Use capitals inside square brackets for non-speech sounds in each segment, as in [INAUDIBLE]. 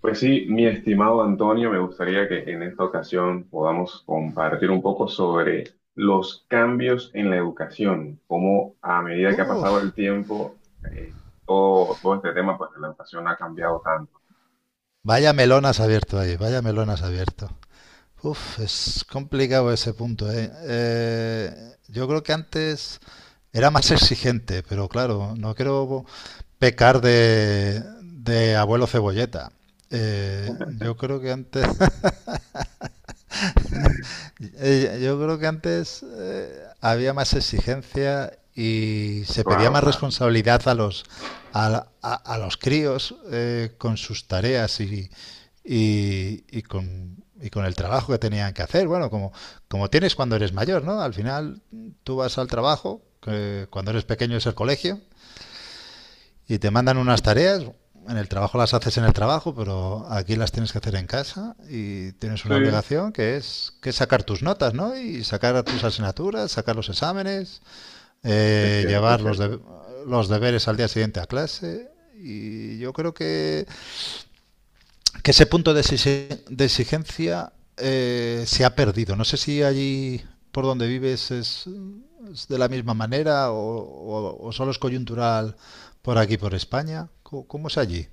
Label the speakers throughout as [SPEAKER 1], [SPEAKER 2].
[SPEAKER 1] Pues sí, mi estimado Antonio, me gustaría que en esta ocasión podamos compartir un poco sobre los cambios en la educación, cómo a medida que ha pasado
[SPEAKER 2] Uf,
[SPEAKER 1] el tiempo, eh, todo este tema, pues la educación ha cambiado tanto.
[SPEAKER 2] vaya melón has abierto ahí, vaya melón has abierto. Uf, es complicado ese punto, ¿eh? Yo creo que antes era más [LAUGHS] exigente, pero claro, no quiero pecar de abuelo cebolleta. Eh, yo creo que antes [LAUGHS] Yo creo que antes había más exigencia y se pedía
[SPEAKER 1] Claro,
[SPEAKER 2] más
[SPEAKER 1] claro.
[SPEAKER 2] responsabilidad a los críos con sus tareas y con el trabajo que tenían que hacer. Bueno, como tienes cuando eres mayor, ¿no? Al final tú vas al trabajo, que cuando eres pequeño es el colegio, y te mandan unas tareas, en el trabajo las haces en el trabajo, pero aquí las tienes que hacer en casa y tienes una
[SPEAKER 1] Sí,
[SPEAKER 2] obligación que es sacar tus notas, ¿no? Y sacar tus asignaturas, sacar los exámenes,
[SPEAKER 1] es cierto, es
[SPEAKER 2] llevar
[SPEAKER 1] cierto.
[SPEAKER 2] los deberes al día siguiente a clase. Y yo creo que ese punto de exigencia se ha perdido. No sé si allí por donde vives es de la misma manera o solo es coyuntural por aquí, por España. ¿Cómo es allí?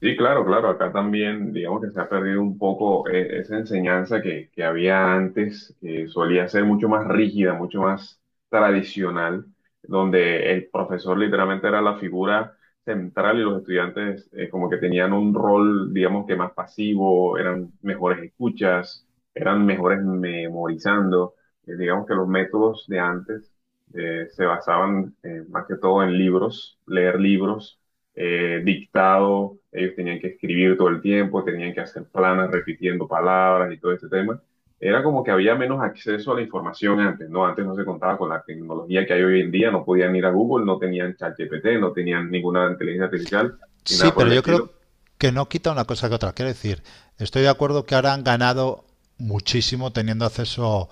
[SPEAKER 1] Sí, claro, claro, acá también digamos que se ha perdido un poco, esa enseñanza que había antes, que solía ser mucho más rígida, mucho más tradicional, donde el profesor literalmente era la figura central, y los estudiantes, como que tenían un rol, digamos que más pasivo, eran mejores escuchas, eran mejores memorizando. Digamos que los métodos de antes se basaban más que todo en libros, leer libros, dictado, ellos tenían que escribir todo el tiempo, tenían que hacer planas repitiendo palabras y todo este tema. Era como que había menos acceso a la información antes, ¿no? Antes no se contaba con la tecnología que hay hoy en día, no podían ir a Google, no tenían ChatGPT, no tenían ninguna inteligencia artificial ni
[SPEAKER 2] Sí,
[SPEAKER 1] nada por
[SPEAKER 2] pero
[SPEAKER 1] el
[SPEAKER 2] yo creo
[SPEAKER 1] estilo.
[SPEAKER 2] que no quita una cosa que otra. Quiero decir, estoy de acuerdo que ahora han ganado muchísimo teniendo acceso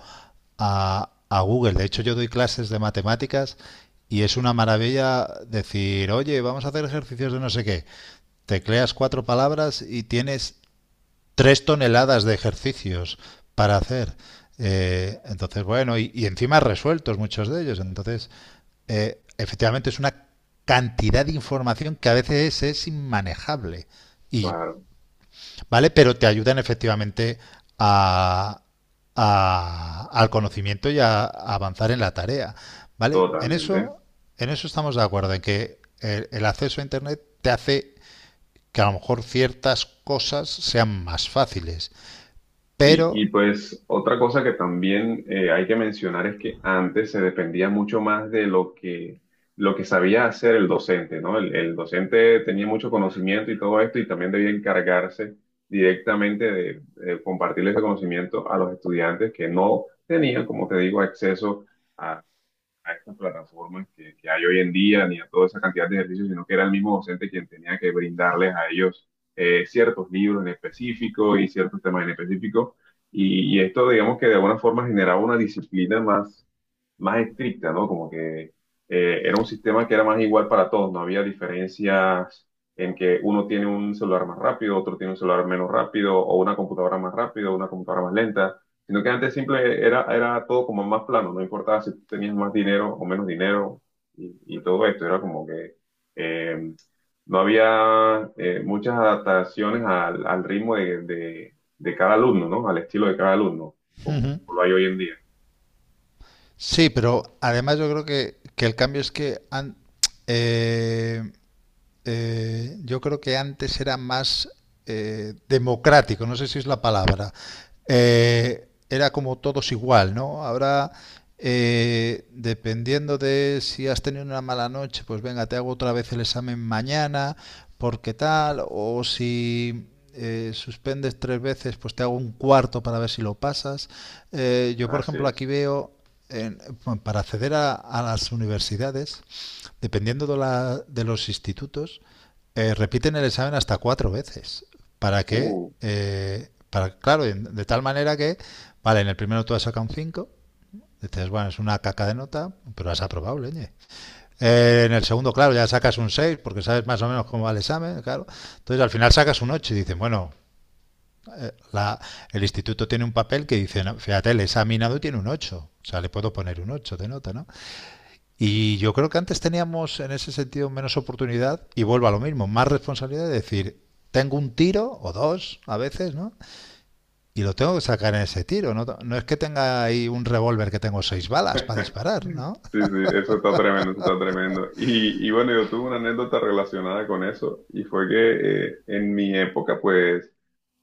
[SPEAKER 2] a Google. De hecho, yo doy clases de matemáticas y es una maravilla decir, oye, vamos a hacer ejercicios de no sé qué. Tecleas cuatro palabras y tienes tres toneladas de ejercicios para hacer. Entonces, bueno, encima resueltos muchos de ellos. Entonces, efectivamente es una cantidad de información que a veces es inmanejable. Y,
[SPEAKER 1] Claro,
[SPEAKER 2] ¿Vale? Pero te ayudan efectivamente a, al conocimiento y avanzar en la tarea. ¿Vale? En
[SPEAKER 1] totalmente.
[SPEAKER 2] eso, en eso estamos de acuerdo, en que el acceso a Internet te hace que a lo mejor ciertas cosas sean más fáciles.
[SPEAKER 1] Sí, y
[SPEAKER 2] Pero,
[SPEAKER 1] pues otra cosa que también, hay que mencionar, es que antes se dependía mucho más de lo que sabía hacer el docente, ¿no? El docente tenía mucho conocimiento y todo esto, y también debía encargarse directamente de compartir ese conocimiento a los estudiantes, que no tenían, como te digo, acceso a estas plataformas que hay hoy en día, ni a toda esa cantidad de ejercicios, sino que era el mismo docente quien tenía que brindarles a ellos, ciertos libros en específico y ciertos temas en específico. Y esto, digamos que de alguna forma generaba una disciplina más, más estricta, ¿no? Como que, era un sistema que era más igual para todos, no había diferencias en que uno tiene un celular más rápido, otro tiene un celular menos rápido, o una computadora más rápido, una computadora más lenta, sino que antes simple era, era todo como más plano, no importaba si tú tenías más dinero o menos dinero, y todo esto era como que, eh, no había, muchas adaptaciones al, al ritmo de, de cada alumno, ¿no? Al estilo de cada alumno, como,
[SPEAKER 2] Ujú,
[SPEAKER 1] como lo hay hoy en día.
[SPEAKER 2] sí, pero además yo creo que el cambio es que eh, yo creo que antes era más democrático, no sé si es la palabra. Era como todos igual, ¿no? Ahora, dependiendo de si has tenido una mala noche, pues venga, te hago otra vez el examen mañana, porque tal, o si suspendes tres veces, pues te hago un cuarto para ver si lo pasas. Yo, por
[SPEAKER 1] Así
[SPEAKER 2] ejemplo, aquí
[SPEAKER 1] es.
[SPEAKER 2] veo, en- para acceder a las universidades, dependiendo de los institutos, repiten el examen hasta cuatro veces. ¿Para qué?
[SPEAKER 1] Uh.
[SPEAKER 2] Para, claro, de tal manera que, vale, en el primero tú has sacado un 5, dices, bueno, es una caca de nota, pero has aprobado, leñe. En el segundo, claro, ya sacas un 6, porque sabes más o menos cómo va el examen, claro. Entonces al final sacas un 8 y dicen, bueno, eh, la, el instituto tiene un papel que dice, no, fíjate, el examinado tiene un 8, o sea, le puedo poner un 8 de nota, ¿no? Y yo creo que antes teníamos en ese sentido menos oportunidad y vuelvo a lo mismo, más responsabilidad de decir, tengo un tiro o dos a veces, ¿no? Y lo tengo que sacar en ese tiro, no, no es que tenga ahí un revólver que tengo seis balas para disparar, ¿no?
[SPEAKER 1] Sí, sí, eso está tremendo, eso está tremendo. Y bueno, yo tuve una anécdota relacionada con eso, y fue que, en mi época, pues,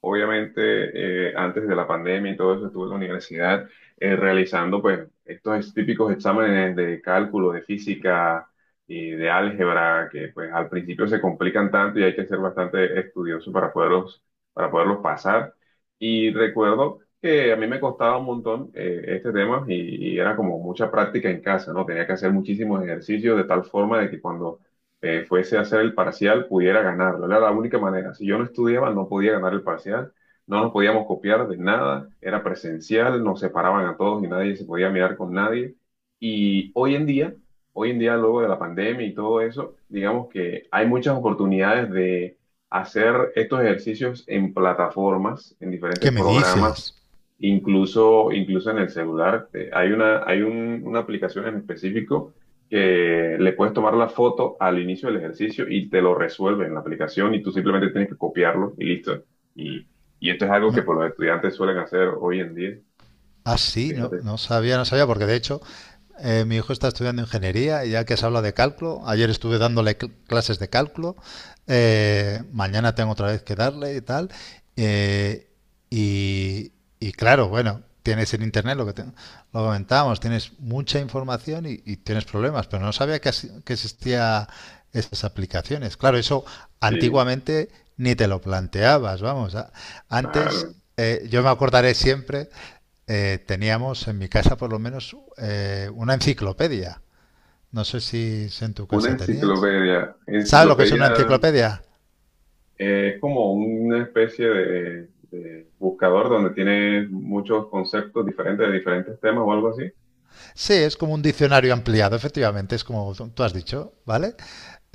[SPEAKER 1] obviamente, antes de la pandemia y todo eso, estuve en la universidad realizando, pues, estos típicos exámenes de cálculo, de física y de álgebra que, pues, al principio se complican tanto y hay que ser bastante estudioso para poderlos pasar. Y recuerdo que a mí me costaba un montón, este tema, y era como mucha práctica en casa, ¿no? Tenía que hacer muchísimos ejercicios, de tal forma de que cuando fuese a hacer el parcial pudiera ganarlo. Era la única manera. Si yo no estudiaba, no podía ganar el parcial. No nos podíamos copiar de nada. Era presencial, nos separaban a todos y nadie se podía mirar con nadie. Y hoy en día, luego de la pandemia y todo eso, digamos que hay muchas oportunidades de hacer estos ejercicios en plataformas, en
[SPEAKER 2] ¿Qué
[SPEAKER 1] diferentes
[SPEAKER 2] me
[SPEAKER 1] programas.
[SPEAKER 2] dices?
[SPEAKER 1] Incluso, incluso en el celular, hay una, hay una aplicación en específico que le puedes tomar la foto al inicio del ejercicio y te lo resuelve en la aplicación, y tú simplemente tienes que copiarlo y listo. Y, y esto es algo
[SPEAKER 2] Me,
[SPEAKER 1] que por los estudiantes suelen hacer hoy en día.
[SPEAKER 2] Ah, sí, no,
[SPEAKER 1] Fíjate,
[SPEAKER 2] no sabía, no sabía, porque de hecho mi hijo está estudiando ingeniería y ya que se habla de cálculo, ayer estuve dándole clases de cálculo, mañana tengo otra vez que darle y tal. eh, y, y claro, bueno, tienes en internet lo que lo comentábamos, tienes mucha información y tienes problemas, pero no sabía que existía esas aplicaciones. Claro, eso
[SPEAKER 1] sí,
[SPEAKER 2] antiguamente ni te lo planteabas, vamos. Antes,
[SPEAKER 1] claro.
[SPEAKER 2] yo me acordaré siempre teníamos en mi casa por lo menos una enciclopedia. No sé si en tu
[SPEAKER 1] Una
[SPEAKER 2] casa tenías.
[SPEAKER 1] enciclopedia.
[SPEAKER 2] ¿Sabes lo que es una
[SPEAKER 1] Enciclopedia,
[SPEAKER 2] enciclopedia?
[SPEAKER 1] es como una especie de buscador donde tiene muchos conceptos diferentes de diferentes temas o algo así.
[SPEAKER 2] Sí, es como un diccionario ampliado, efectivamente, es como tú has dicho, ¿vale?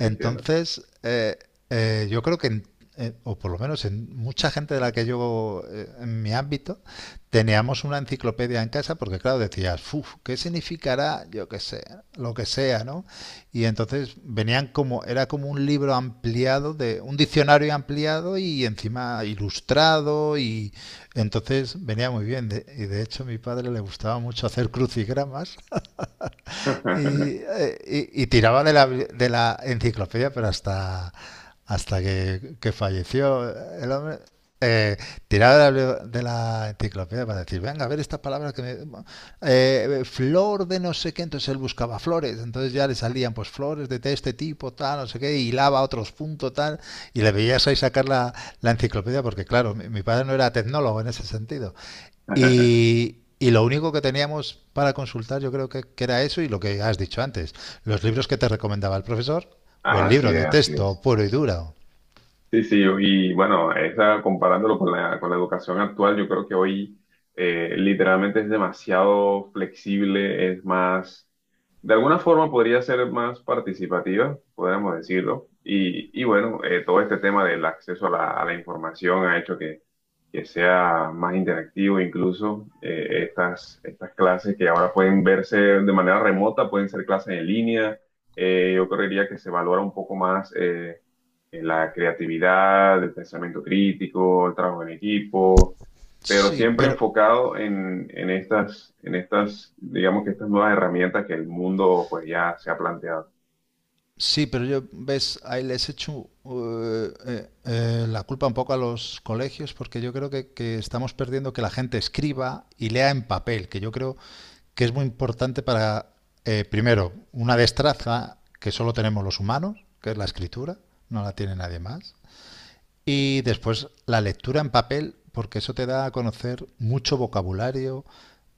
[SPEAKER 1] Entiendo.
[SPEAKER 2] yo creo que, o por lo menos en mucha gente de la que yo, en mi ámbito, teníamos una enciclopedia en casa porque, claro, decías, "Uf, ¿qué significará? Yo qué sé, lo que sea, ¿no? Y entonces venían como, era como un libro ampliado, de un diccionario ampliado y encima ilustrado y entonces venía muy bien. Y de hecho a mi padre le gustaba mucho hacer crucigramas y,
[SPEAKER 1] [LAUGHS]
[SPEAKER 2] eh, y- y tiraba de la enciclopedia, pero hasta que falleció el hombre, eh, tiraba de la enciclopedia para decir, venga, a ver esta palabra que me... flor de no sé qué, entonces él buscaba flores, entonces ya le salían pues flores de este tipo, tal, no sé qué, hilaba a otros puntos, tal, y le veías ahí sacar la enciclopedia, porque claro, mi padre no era tecnólogo en ese sentido, y lo único que teníamos para consultar yo creo que era eso y lo que has dicho antes, los libros que te recomendaba el profesor o el
[SPEAKER 1] Así
[SPEAKER 2] libro
[SPEAKER 1] es,
[SPEAKER 2] de
[SPEAKER 1] así
[SPEAKER 2] texto
[SPEAKER 1] es.
[SPEAKER 2] puro y duro.
[SPEAKER 1] Sí, sí, y bueno, esa, comparándolo con la educación actual, yo creo que hoy, literalmente es demasiado flexible, es más, de alguna forma podría ser más participativa, podríamos decirlo, y bueno, todo este tema del acceso a la información ha hecho que sea más interactivo, incluso, estas, estas clases que ahora pueden verse de manera remota, pueden ser clases en línea, yo creería que se valora un poco más. La creatividad, el pensamiento crítico, el trabajo en equipo, pero
[SPEAKER 2] Sí,
[SPEAKER 1] siempre
[SPEAKER 2] pero
[SPEAKER 1] enfocado en estas, digamos que estas nuevas herramientas que el mundo pues ya se ha planteado.
[SPEAKER 2] sí, pero yo ves, ahí les echo la culpa un poco a los colegios porque yo creo que estamos perdiendo que la gente escriba y lea en papel, que yo creo que es muy importante para, primero, una destreza que solo tenemos los humanos, que es la escritura, no la tiene nadie más. Y después la lectura en papel, porque eso te da a conocer mucho vocabulario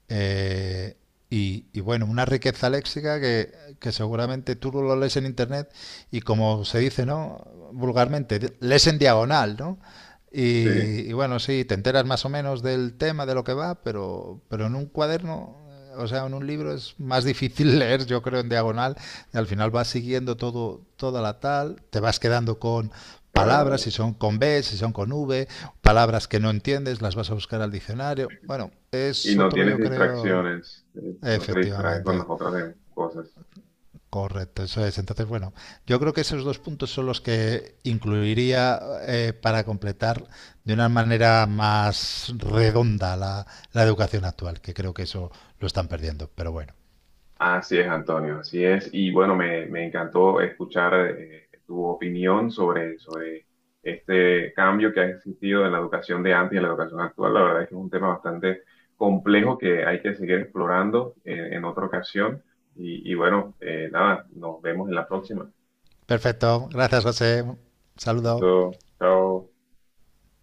[SPEAKER 2] eh, y, bueno, una riqueza léxica que seguramente tú lo lees en internet y como se dice, ¿no? Vulgarmente, lees en diagonal, ¿no?
[SPEAKER 1] Sí,
[SPEAKER 2] Y bueno, sí, te enteras más o menos del tema, de lo que va, pero, en un cuaderno o sea, en un libro es más difícil [LAUGHS] leer, yo creo, en diagonal. Y al final vas siguiendo todo, toda la tal, te vas quedando con palabras, si
[SPEAKER 1] claro.
[SPEAKER 2] son con B, si son con V, palabras que no entiendes, las vas a buscar al diccionario. Bueno,
[SPEAKER 1] Y
[SPEAKER 2] es
[SPEAKER 1] no
[SPEAKER 2] otro,
[SPEAKER 1] tienes
[SPEAKER 2] yo creo,
[SPEAKER 1] distracciones, no te distraes con
[SPEAKER 2] efectivamente,
[SPEAKER 1] las otras, cosas.
[SPEAKER 2] correcto, eso es. Entonces, bueno, yo creo que esos dos puntos son los que incluiría para completar de una manera más redonda la educación actual, que creo que eso lo están perdiendo. Pero bueno,
[SPEAKER 1] Así es, Antonio, así es. Y bueno, me encantó escuchar, tu opinión sobre, sobre este cambio que ha existido en la educación de antes y en la educación actual. La verdad es que es un tema bastante complejo que hay que seguir explorando en otra ocasión. Y bueno, nada, nos vemos en la próxima.
[SPEAKER 2] perfecto, gracias José, saludo.
[SPEAKER 1] Listo, chao.